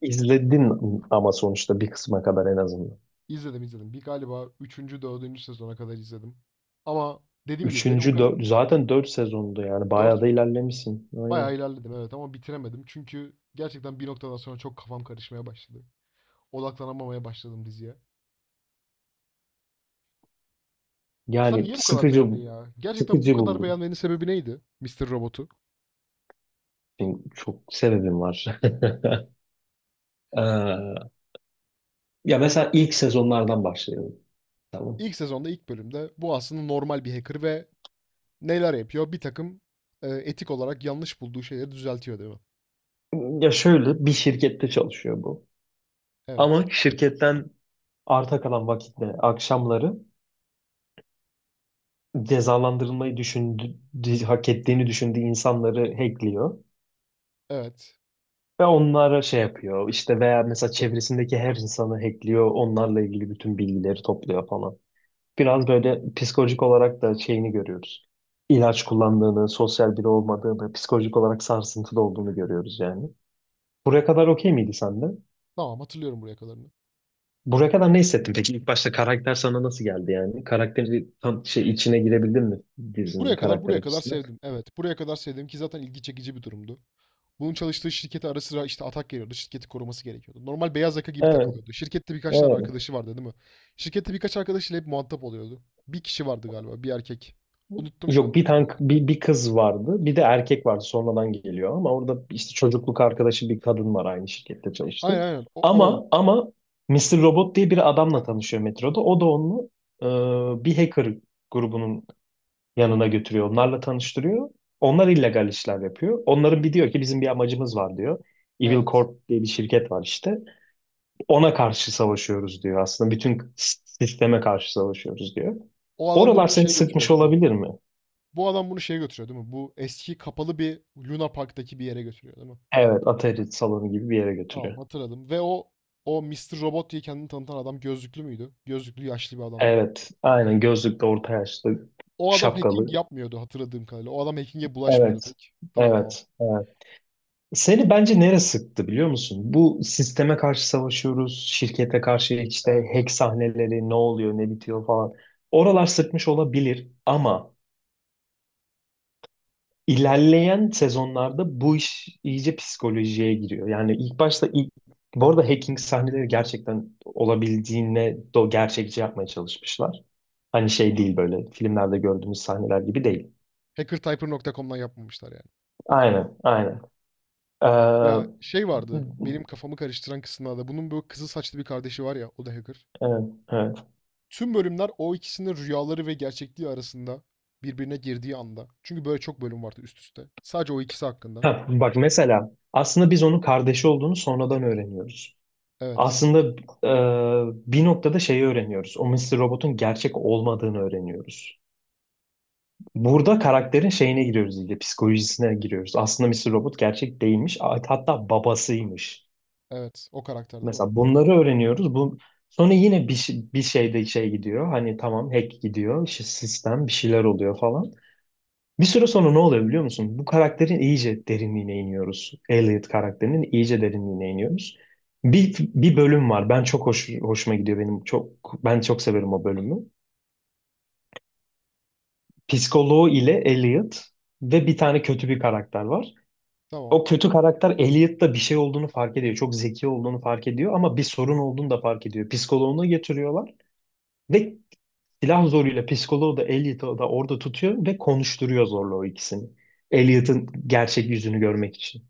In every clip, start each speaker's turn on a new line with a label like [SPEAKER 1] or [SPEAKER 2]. [SPEAKER 1] İzledin ama sonuçta bir kısma kadar en azından.
[SPEAKER 2] İzledim, izledim. Bir galiba üçüncü dördüncü sezona kadar izledim. Ama dediğim gibi beni o
[SPEAKER 1] Üçüncü,
[SPEAKER 2] kadar
[SPEAKER 1] zaten dört sezondu, yani bayağı
[SPEAKER 2] 4
[SPEAKER 1] da
[SPEAKER 2] mü?
[SPEAKER 1] ilerlemişsin. Aynen.
[SPEAKER 2] Bayağı ilerledim, evet, ama bitiremedim. Çünkü gerçekten bir noktadan sonra çok kafam karışmaya başladı. Odaklanamamaya başladım diziye. Sen
[SPEAKER 1] Yani
[SPEAKER 2] niye bu kadar
[SPEAKER 1] sıkıcı
[SPEAKER 2] beğendin ya? Gerçekten bu
[SPEAKER 1] sıkıcı
[SPEAKER 2] kadar
[SPEAKER 1] buldum.
[SPEAKER 2] beğenmenin sebebi neydi Mister Robot'u?
[SPEAKER 1] Benim çok sebebim var. Ee, Ya mesela ilk sezonlardan başlayalım. Tamam.
[SPEAKER 2] İlk sezonda ilk bölümde bu aslında normal bir hacker ve neler yapıyor? Bir takım etik olarak yanlış bulduğu şeyleri düzeltiyor, değil mi?
[SPEAKER 1] Ya şöyle bir şirkette çalışıyor bu.
[SPEAKER 2] Evet.
[SPEAKER 1] Ama şirketten arta kalan vakitte akşamları cezalandırılmayı düşündü, hak ettiğini düşündüğü insanları hackliyor.
[SPEAKER 2] Evet.
[SPEAKER 1] Ve onlara şey yapıyor işte, veya mesela çevresindeki her insanı hackliyor, onlarla ilgili bütün bilgileri topluyor falan. Biraz böyle psikolojik olarak da şeyini görüyoruz. İlaç kullandığını, sosyal biri olmadığını, psikolojik olarak sarsıntıda olduğunu görüyoruz yani. Buraya kadar okey miydi sende?
[SPEAKER 2] Tamam, hatırlıyorum buraya kadarını.
[SPEAKER 1] Buraya kadar ne hissettin peki? İlk başta karakter sana nasıl geldi yani? Karakteri tam şey içine girebildin mi dizinin
[SPEAKER 2] Buraya kadar
[SPEAKER 1] karakter
[SPEAKER 2] buraya kadar
[SPEAKER 1] açısından?
[SPEAKER 2] sevdim. Evet, buraya kadar sevdim ki zaten ilgi çekici bir durumdu. Bunun çalıştığı şirkete ara sıra işte atak geliyordu. Şirketi koruması gerekiyordu. Normal beyaz yaka gibi
[SPEAKER 1] Evet,
[SPEAKER 2] takılıyordu. Şirkette birkaç tane
[SPEAKER 1] evet.
[SPEAKER 2] arkadaşı vardı, değil mi? Şirkette birkaç arkadaşıyla hep muhatap oluyordu. Bir kişi vardı galiba, bir erkek. Unuttum şu an
[SPEAKER 1] Yok, bir
[SPEAKER 2] kim
[SPEAKER 1] tane
[SPEAKER 2] olduğunu.
[SPEAKER 1] bir kız vardı. Bir de erkek vardı sonradan geliyor, ama orada işte çocukluk arkadaşı bir kadın var, aynı şirkette çalıştı.
[SPEAKER 2] Aynen, aynen. O, o.
[SPEAKER 1] Ama Mister Robot diye bir adamla tanışıyor metroda. O da onu bir hacker grubunun yanına götürüyor. Onlarla tanıştırıyor. Onlar illegal işler yapıyor. Onların bir diyor ki bizim bir amacımız var diyor. Evil
[SPEAKER 2] Evet.
[SPEAKER 1] Corp diye bir şirket var işte. Ona karşı savaşıyoruz diyor aslında. Bütün sisteme karşı savaşıyoruz diyor.
[SPEAKER 2] O adam da
[SPEAKER 1] Oralar
[SPEAKER 2] bunu
[SPEAKER 1] seni
[SPEAKER 2] şeye götürüyor,
[SPEAKER 1] sıkmış
[SPEAKER 2] değil mi?
[SPEAKER 1] olabilir mi?
[SPEAKER 2] Bu adam bunu şeye götürüyor, değil mi? Bu eski kapalı bir Luna Park'taki bir yere götürüyor, değil mi?
[SPEAKER 1] Evet, Atari salonu gibi bir yere
[SPEAKER 2] Tamam,
[SPEAKER 1] götürüyor.
[SPEAKER 2] hatırladım. Ve o Mister Robot diye kendini tanıtan adam gözlüklü müydü? Gözlüklü yaşlı bir adam, değil mi?
[SPEAKER 1] Evet, aynen gözlüklü, orta yaşlı,
[SPEAKER 2] O adam hacking
[SPEAKER 1] şapkalı.
[SPEAKER 2] yapmıyordu hatırladığım kadarıyla. O adam hacking'e bulaşmıyordu
[SPEAKER 1] Evet,
[SPEAKER 2] pek. Tamam, tamam.
[SPEAKER 1] evet, evet. Seni bence nereye sıktı biliyor musun? Bu sisteme karşı savaşıyoruz, şirkete karşı işte
[SPEAKER 2] Evet.
[SPEAKER 1] hack sahneleri, ne oluyor, ne bitiyor falan. Oralar sıkmış olabilir, ama ilerleyen sezonlarda bu iş iyice psikolojiye giriyor. Yani ilk başta ilk, bu arada hacking sahneleri gerçekten olabildiğine gerçekçi yapmaya çalışmışlar. Hani şey değil, böyle filmlerde gördüğümüz sahneler gibi değil.
[SPEAKER 2] Hackertyper.com'dan yapmamışlar yani.
[SPEAKER 1] Aynen, aynen. Ee,
[SPEAKER 2] Ya şey vardı. Benim kafamı karıştıran kısımlarda. Bunun böyle kızıl saçlı bir kardeşi var ya. O da hacker.
[SPEAKER 1] evet, evet.
[SPEAKER 2] Tüm bölümler o ikisinin rüyaları ve gerçekliği arasında birbirine girdiği anda. Çünkü böyle çok bölüm vardı üst üste. Sadece o ikisi hakkında.
[SPEAKER 1] Ha, bak mesela aslında biz onun kardeşi olduğunu sonradan öğreniyoruz.
[SPEAKER 2] Evet.
[SPEAKER 1] Aslında bir noktada şeyi öğreniyoruz. O Mr. Robot'un gerçek olmadığını öğreniyoruz. Burada karakterin şeyine giriyoruz iyice, psikolojisine giriyoruz. Aslında Mr. Robot gerçek değilmiş, hatta babasıymış.
[SPEAKER 2] Evet. O karakter değil mi?
[SPEAKER 1] Mesela bunları öğreniyoruz. Bu sonra yine bir şeyde şey gidiyor. Hani tamam hack gidiyor. İşte sistem bir şeyler oluyor falan. Bir süre sonra ne oluyor biliyor musun? Bu karakterin iyice derinliğine iniyoruz. Elliot karakterinin iyice derinliğine iniyoruz. Bir bölüm var. Ben çok hoşuma gidiyor benim. Ben çok severim o bölümü. Psikoloğu ile Elliot ve bir tane kötü bir karakter var.
[SPEAKER 2] Tamam.
[SPEAKER 1] O kötü karakter Elliot'ta bir şey olduğunu fark ediyor. Çok zeki olduğunu fark ediyor ama bir sorun olduğunu da fark ediyor. Psikoloğunu getiriyorlar. Ve silah zoruyla psikoloğu da Elliot'ı da orada tutuyor ve konuşturuyor zorla o ikisini. Elliot'ın gerçek yüzünü görmek için.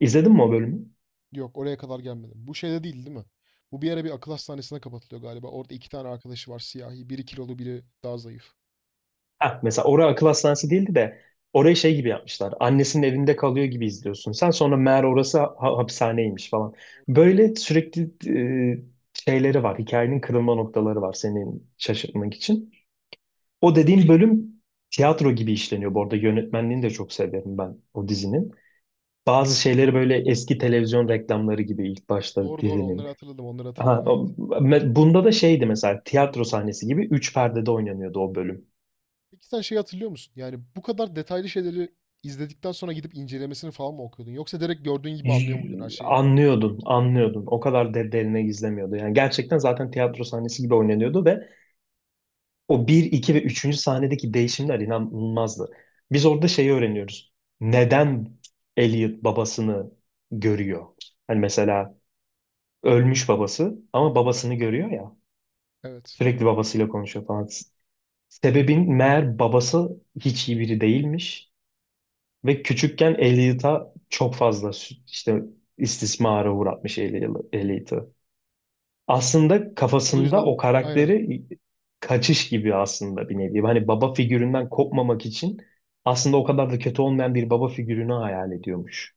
[SPEAKER 1] İzledin mi o bölümü?
[SPEAKER 2] Yok, oraya kadar gelmedim. Bu şeyde değil değil mi? Bu bir ara bir akıl hastanesine kapatılıyor galiba. Orada iki tane arkadaşı var, siyahi. Biri kilolu, biri daha zayıf.
[SPEAKER 1] Heh, mesela oraya akıl hastanesi değildi de, orayı şey gibi yapmışlar. Annesinin evinde kalıyor gibi izliyorsun. Sen sonra
[SPEAKER 2] Evet,
[SPEAKER 1] meğer
[SPEAKER 2] evet.
[SPEAKER 1] orası hapishaneymiş falan.
[SPEAKER 2] Doğru,
[SPEAKER 1] Böyle
[SPEAKER 2] doğru.
[SPEAKER 1] sürekli e, şeyleri var. Hikayenin kırılma noktaları var senin şaşırtmak için. O dediğim bölüm tiyatro gibi işleniyor. Bu arada yönetmenliğini de çok severim ben o dizinin. Bazı şeyleri böyle eski televizyon reklamları gibi ilk başta
[SPEAKER 2] Doğru, doğru,
[SPEAKER 1] dizinin.
[SPEAKER 2] onları hatırladım,
[SPEAKER 1] Ha,
[SPEAKER 2] evet.
[SPEAKER 1] o- me- bunda da şeydi mesela, tiyatro sahnesi gibi üç perdede oynanıyordu o bölüm.
[SPEAKER 2] Peki sen şey hatırlıyor musun? Yani bu kadar detaylı şeyleri izledikten sonra gidip incelemesini falan mı okuyordun? Yoksa direkt gördüğün gibi anlıyor muydun her
[SPEAKER 1] Y-
[SPEAKER 2] şeyi?
[SPEAKER 1] Anlıyordun, anlıyordun. O kadar de derine gizlemiyordu. Yani gerçekten zaten tiyatro sahnesi gibi oynanıyordu ve o bir, iki ve üçüncü sahnedeki değişimler inanılmazdı. Biz orada şeyi öğreniyoruz. Neden Elliot babasını görüyor? Hani mesela ölmüş babası ama babasını
[SPEAKER 2] Evet.
[SPEAKER 1] görüyor ya.
[SPEAKER 2] Evet.
[SPEAKER 1] Sürekli babasıyla konuşuyor falan. Sebebin meğer babası hiç iyi biri değilmiş ve küçükken Elliot'a çok fazla işte istismara uğratmış Elliot-
[SPEAKER 2] Hmm.
[SPEAKER 1] Elliot'ı. Aslında
[SPEAKER 2] O
[SPEAKER 1] kafasında o
[SPEAKER 2] yüzden aynen
[SPEAKER 1] karakteri kaçış gibi aslında, bir nevi. Hani baba figüründen kopmamak için aslında o kadar da kötü olmayan bir baba figürünü hayal ediyormuş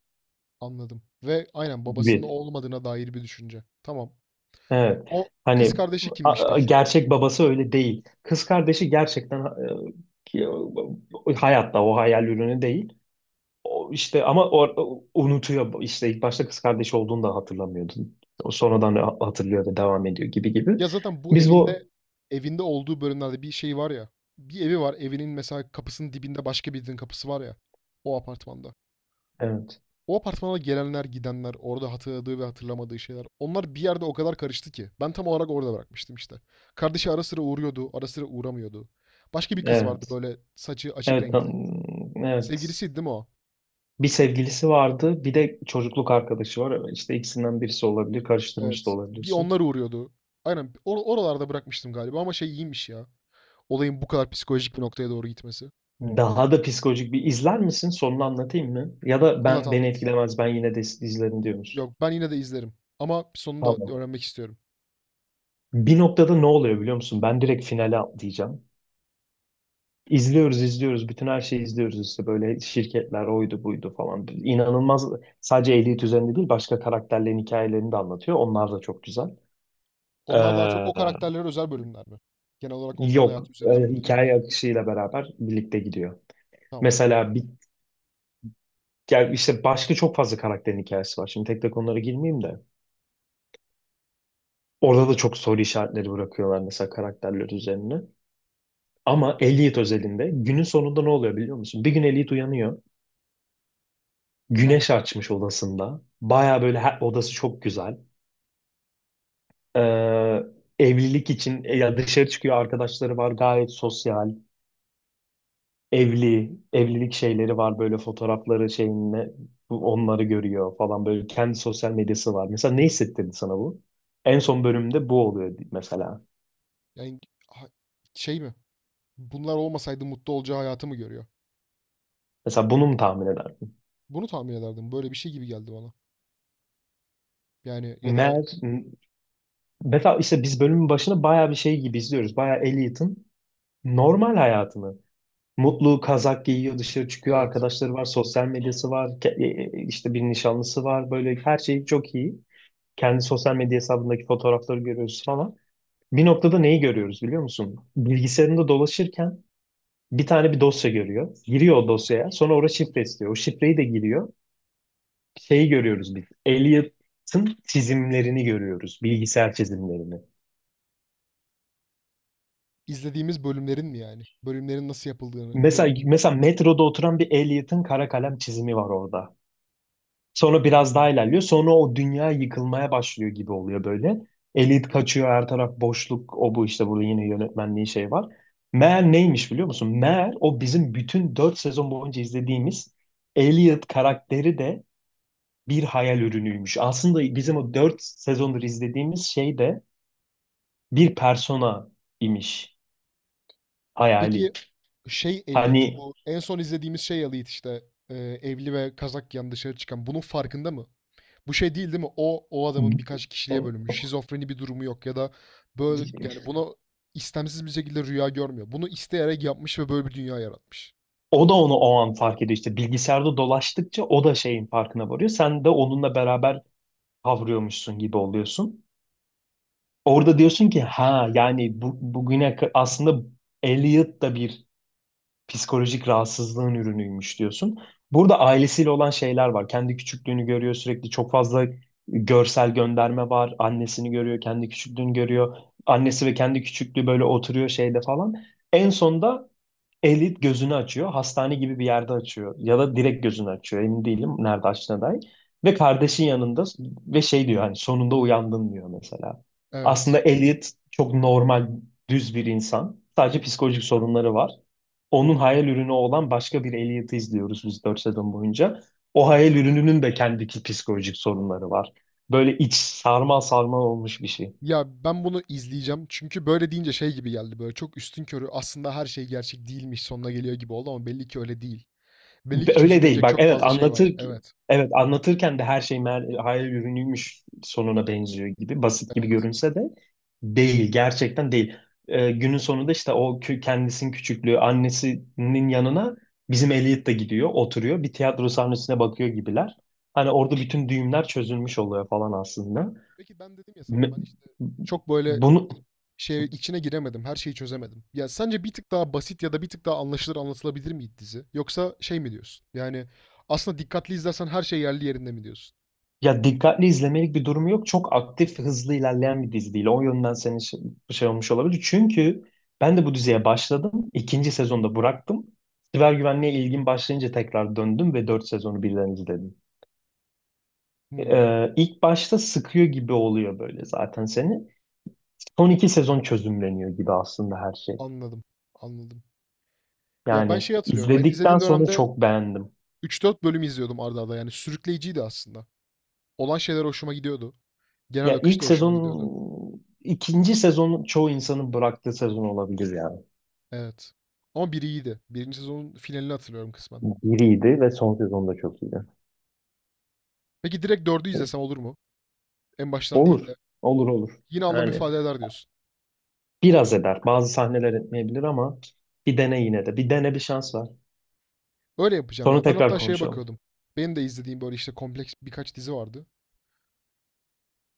[SPEAKER 2] anladım. Ve aynen babasının o
[SPEAKER 1] gibi.
[SPEAKER 2] olmadığına dair bir düşünce. Tamam.
[SPEAKER 1] Evet.
[SPEAKER 2] O kız
[SPEAKER 1] Hani
[SPEAKER 2] kardeşi kimmiş peki?
[SPEAKER 1] gerçek babası öyle değil. Kız kardeşi gerçekten ki- hayatta, o hayal ürünü değil. O işte, ama o unutuyor işte, ilk başta kız kardeşi olduğunu da hatırlamıyordu. O
[SPEAKER 2] Doğru.
[SPEAKER 1] sonradan hatırlıyor ve devam ediyor gibi gibi.
[SPEAKER 2] Ya zaten bu
[SPEAKER 1] Biz
[SPEAKER 2] evinde
[SPEAKER 1] bu
[SPEAKER 2] evinde olduğu bölümlerde bir şey var ya. Bir evi var. Evinin mesela kapısının dibinde başka birinin kapısı var ya. O apartmanda.
[SPEAKER 1] evet,
[SPEAKER 2] O apartmana gelenler, gidenler, orada hatırladığı ve hatırlamadığı şeyler. Onlar bir yerde o kadar karıştı ki. Ben tam olarak orada bırakmıştım işte. Kardeşi ara sıra uğruyordu, ara sıra uğramıyordu. Başka bir kız vardı
[SPEAKER 1] evet,
[SPEAKER 2] böyle, saçı açık
[SPEAKER 1] evet,
[SPEAKER 2] renkli.
[SPEAKER 1] evet.
[SPEAKER 2] Sevgilisiydi değil mi o?
[SPEAKER 1] Bir sevgilisi vardı, bir de çocukluk arkadaşı var. İşte ikisinden birisi olabilir, karıştırmış da
[SPEAKER 2] Evet. Bir
[SPEAKER 1] olabilirsin.
[SPEAKER 2] onlar uğruyordu. Aynen, oralarda bırakmıştım galiba, ama şey iyiymiş ya. Olayın bu kadar psikolojik bir noktaya doğru gitmesi.
[SPEAKER 1] Daha da psikolojik bir izler misin? Sonunu anlatayım mı? Ya da
[SPEAKER 2] Anlat,
[SPEAKER 1] ben beni
[SPEAKER 2] anlat.
[SPEAKER 1] etkilemez, ben yine de izlerim diyor musun?
[SPEAKER 2] Yok, ben yine de izlerim. Ama sonunda
[SPEAKER 1] Tamam.
[SPEAKER 2] öğrenmek istiyorum.
[SPEAKER 1] Bir noktada ne oluyor biliyor musun? Ben direkt finale atlayacağım. İzliyoruz, izliyoruz. Bütün her şeyi izliyoruz işte, böyle şirketler oydu buydu falan. İnanılmaz, sadece Elite üzerinde değil başka karakterlerin hikayelerini de anlatıyor. Onlar da çok güzel.
[SPEAKER 2] Onlar daha çok o
[SPEAKER 1] Ee,
[SPEAKER 2] karakterlere özel bölümler mi? Genel olarak onların
[SPEAKER 1] Yok,
[SPEAKER 2] hayatı üzerinden mi dönüyor?
[SPEAKER 1] hikaye akışıyla beraber birlikte gidiyor.
[SPEAKER 2] Tamam.
[SPEAKER 1] Mesela yani işte başka çok fazla karakterin hikayesi var. Şimdi tek tek onlara girmeyeyim de. Orada da çok soru işaretleri bırakıyorlar mesela, karakterler üzerine. Ama Elliot özelinde günün sonunda ne oluyor biliyor musun? Bir gün Elliot uyanıyor. Güneş
[SPEAKER 2] Tamam.
[SPEAKER 1] açmış odasında. Baya böyle odası çok güzel. Ee, Evlilik için ya dışarı çıkıyor, arkadaşları var, gayet sosyal. Evlilik şeyleri var, böyle fotoğrafları şeyinle onları görüyor falan, böyle kendi sosyal medyası var. Mesela ne hissettirdi sana bu? En son bölümde bu oluyor mesela.
[SPEAKER 2] Yani ha- şey mi? Bunlar olmasaydı mutlu olacağı hayatı mı görüyor?
[SPEAKER 1] Mesela bunu mu tahmin ederdin?
[SPEAKER 2] Bunu tahmin ederdim. Böyle bir şey gibi geldi bana. Yani ya da
[SPEAKER 1] Mer, Mesela işte biz bölümün başına bayağı bir şey gibi izliyoruz. Bayağı Elliot'ın normal hayatını. Mutlu kazak giyiyor, dışarı çıkıyor,
[SPEAKER 2] evet,
[SPEAKER 1] arkadaşları var, sosyal medyası var, işte bir nişanlısı var. Böyle her şey çok iyi. Kendi sosyal medya hesabındaki fotoğrafları görüyoruz falan. Bir noktada neyi görüyoruz biliyor musun? Bilgisayarında dolaşırken bir tane bir dosya görüyor. Giriyor o dosyaya. Sonra orada şifre istiyor. O şifreyi de giriyor. Şeyi görüyoruz biz. Elliot'ın çizimlerini görüyoruz. Bilgisayar çizimlerini.
[SPEAKER 2] izlediğimiz bölümlerin mi yani? Bölümlerin nasıl yapıldığını ve
[SPEAKER 1] Mesela metroda oturan bir Elliot'ın kara kalem çizimi var orada. Sonra biraz
[SPEAKER 2] Hmm.
[SPEAKER 1] daha ilerliyor. Sonra o dünya yıkılmaya başlıyor gibi oluyor böyle. Elit kaçıyor, her taraf boşluk. O bu işte, burada yine yönetmenliği şey var. Meğer neymiş biliyor musun? Meğer o bizim bütün 4 sezon boyunca izlediğimiz Elliot karakteri de bir hayal ürünüymüş. Aslında bizim o 4 sezondur izlediğimiz şey de bir persona imiş, hayali.
[SPEAKER 2] Peki şey, Elliot,
[SPEAKER 1] Hani
[SPEAKER 2] bu en son izlediğimiz şey Elliot, işte e, evli ve kazak giyen dışarı çıkan, bunun farkında mı? Bu şey değil değil mi? O adamın birkaç kişiliğe bölünmüş. Şizofreni bir durumu yok ya da böyle, yani buna istemsiz bir şekilde rüya görmüyor. Bunu isteyerek yapmış ve böyle bir dünya yaratmış.
[SPEAKER 1] o da onu o an fark ediyor işte, bilgisayarda dolaştıkça o da şeyin farkına varıyor. Sen de onunla beraber kavruyormuşsun gibi oluyorsun. Orada diyorsun ki, ha yani bu, bugüne aslında Elliot da bir psikolojik rahatsızlığın ürünüymüş diyorsun. Burada ailesiyle olan şeyler var. Kendi küçüklüğünü görüyor sürekli, çok fazla görsel gönderme var. Annesini görüyor, kendi küçüklüğünü görüyor. Annesi ve kendi küçüklüğü böyle oturuyor şeyde falan. En sonunda Elit gözünü açıyor. Hastane gibi bir yerde açıyor. Ya da direkt gözünü açıyor. Emin değilim nerede açtığına dair. Ve kardeşin yanında, ve şey diyor, hani sonunda uyandın diyor mesela.
[SPEAKER 2] Evet.
[SPEAKER 1] Aslında Elliot çok normal, düz bir insan. Sadece psikolojik sorunları var. Onun hayal ürünü olan başka bir Elliot'ı izliyoruz biz 4 sezon boyunca. O hayal ürününün de kendi psikolojik sorunları var. Böyle iç sarmal sarmal olmuş bir şey.
[SPEAKER 2] Ya, ben bunu izleyeceğim. Çünkü böyle deyince şey gibi geldi, böyle çok üstünkörü aslında her şey gerçek değilmiş sonuna geliyor gibi oldu, ama belli ki öyle değil. Belli ki
[SPEAKER 1] Öyle değil.
[SPEAKER 2] çözümlenecek
[SPEAKER 1] Bak,
[SPEAKER 2] çok
[SPEAKER 1] evet
[SPEAKER 2] fazla şey var. Evet.
[SPEAKER 1] evet anlatırken de her şey hayal ürünüymüş sonuna benziyor gibi, basit gibi
[SPEAKER 2] Evet.
[SPEAKER 1] görünse de değil, gerçekten değil. Günün sonunda işte o kendisinin küçüklüğü annesinin yanına, bizim Elliot da gidiyor oturuyor, bir tiyatro sahnesine bakıyor gibiler. Hani orada bütün düğümler çözülmüş oluyor falan aslında.
[SPEAKER 2] Peki ben dedim ya sana,
[SPEAKER 1] Me-
[SPEAKER 2] ben işte çok böyle
[SPEAKER 1] Bunu
[SPEAKER 2] i- şey içine giremedim. Her şeyi çözemedim. Ya sence bir tık daha basit ya da bir tık daha anlaşılır anlatılabilir miydi dizi? Yoksa şey mi diyorsun? Yani aslında dikkatli izlersen her şey yerli yerinde mi diyorsun?
[SPEAKER 1] Ya dikkatli izlemelik bir durumu yok. Çok aktif, hızlı ilerleyen bir dizi değil. O yönden senin şey, şey olmuş olabilir. Çünkü ben de bu diziye başladım. İkinci sezonda bıraktım. Siber güvenliğe ilgim başlayınca tekrar döndüm ve dört sezonu birden izledim.
[SPEAKER 2] Hmm,
[SPEAKER 1] İlk başta sıkıyor gibi oluyor böyle zaten seni. Son iki sezon çözümleniyor gibi aslında her şey.
[SPEAKER 2] anladım. Anladım. Ya ben
[SPEAKER 1] Yani
[SPEAKER 2] şey hatırlıyorum. Ben
[SPEAKER 1] izledikten
[SPEAKER 2] izlediğim
[SPEAKER 1] sonra
[SPEAKER 2] dönemde
[SPEAKER 1] çok beğendim.
[SPEAKER 2] üç dört bölüm izliyordum arda arda. Yani sürükleyiciydi aslında. Olan şeyler hoşuma gidiyordu. Genel
[SPEAKER 1] Ya
[SPEAKER 2] akış
[SPEAKER 1] ilk
[SPEAKER 2] da hoşuma gidiyordu.
[SPEAKER 1] sezon, ikinci sezon çoğu insanın bıraktığı sezon olabilir yani.
[SPEAKER 2] Evet. Ama biri iyiydi. Birinci sezonun finalini hatırlıyorum kısmen.
[SPEAKER 1] Biriydi ve son sezonda çok iyiydi.
[SPEAKER 2] Peki direkt dördü izlesem olur mu? En baştan değil
[SPEAKER 1] Olur.
[SPEAKER 2] de.
[SPEAKER 1] Olur, olur.
[SPEAKER 2] Yine anlam
[SPEAKER 1] Yani
[SPEAKER 2] ifade eder diyorsun.
[SPEAKER 1] biraz eder. Bazı sahneler etmeyebilir ama bir dene yine de. Bir dene, bir şans ver.
[SPEAKER 2] Öyle yapacağım
[SPEAKER 1] Sonra
[SPEAKER 2] ya. Ben
[SPEAKER 1] tekrar
[SPEAKER 2] hatta şeye
[SPEAKER 1] konuşalım.
[SPEAKER 2] bakıyordum. Benim de izlediğim böyle işte kompleks birkaç dizi vardı.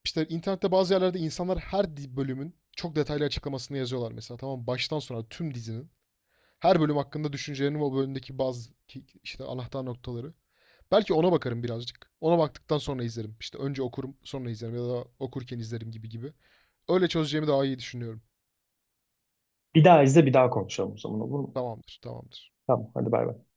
[SPEAKER 2] İşte internette bazı yerlerde insanlar her bölümün çok detaylı açıklamasını yazıyorlar mesela. Tamam, baştan sona tüm dizinin. Her bölüm hakkında düşüncelerini ve o bölümdeki bazı işte anahtar noktaları. Belki ona bakarım birazcık. Ona baktıktan sonra izlerim. İşte önce okurum, sonra izlerim ya da okurken izlerim gibi gibi. Öyle çözeceğimi daha iyi düşünüyorum.
[SPEAKER 1] Bir daha izle, bir daha konuşalım o zaman, olur mu?
[SPEAKER 2] Tamamdır, tamamdır.
[SPEAKER 1] Tamam, hadi bay bay.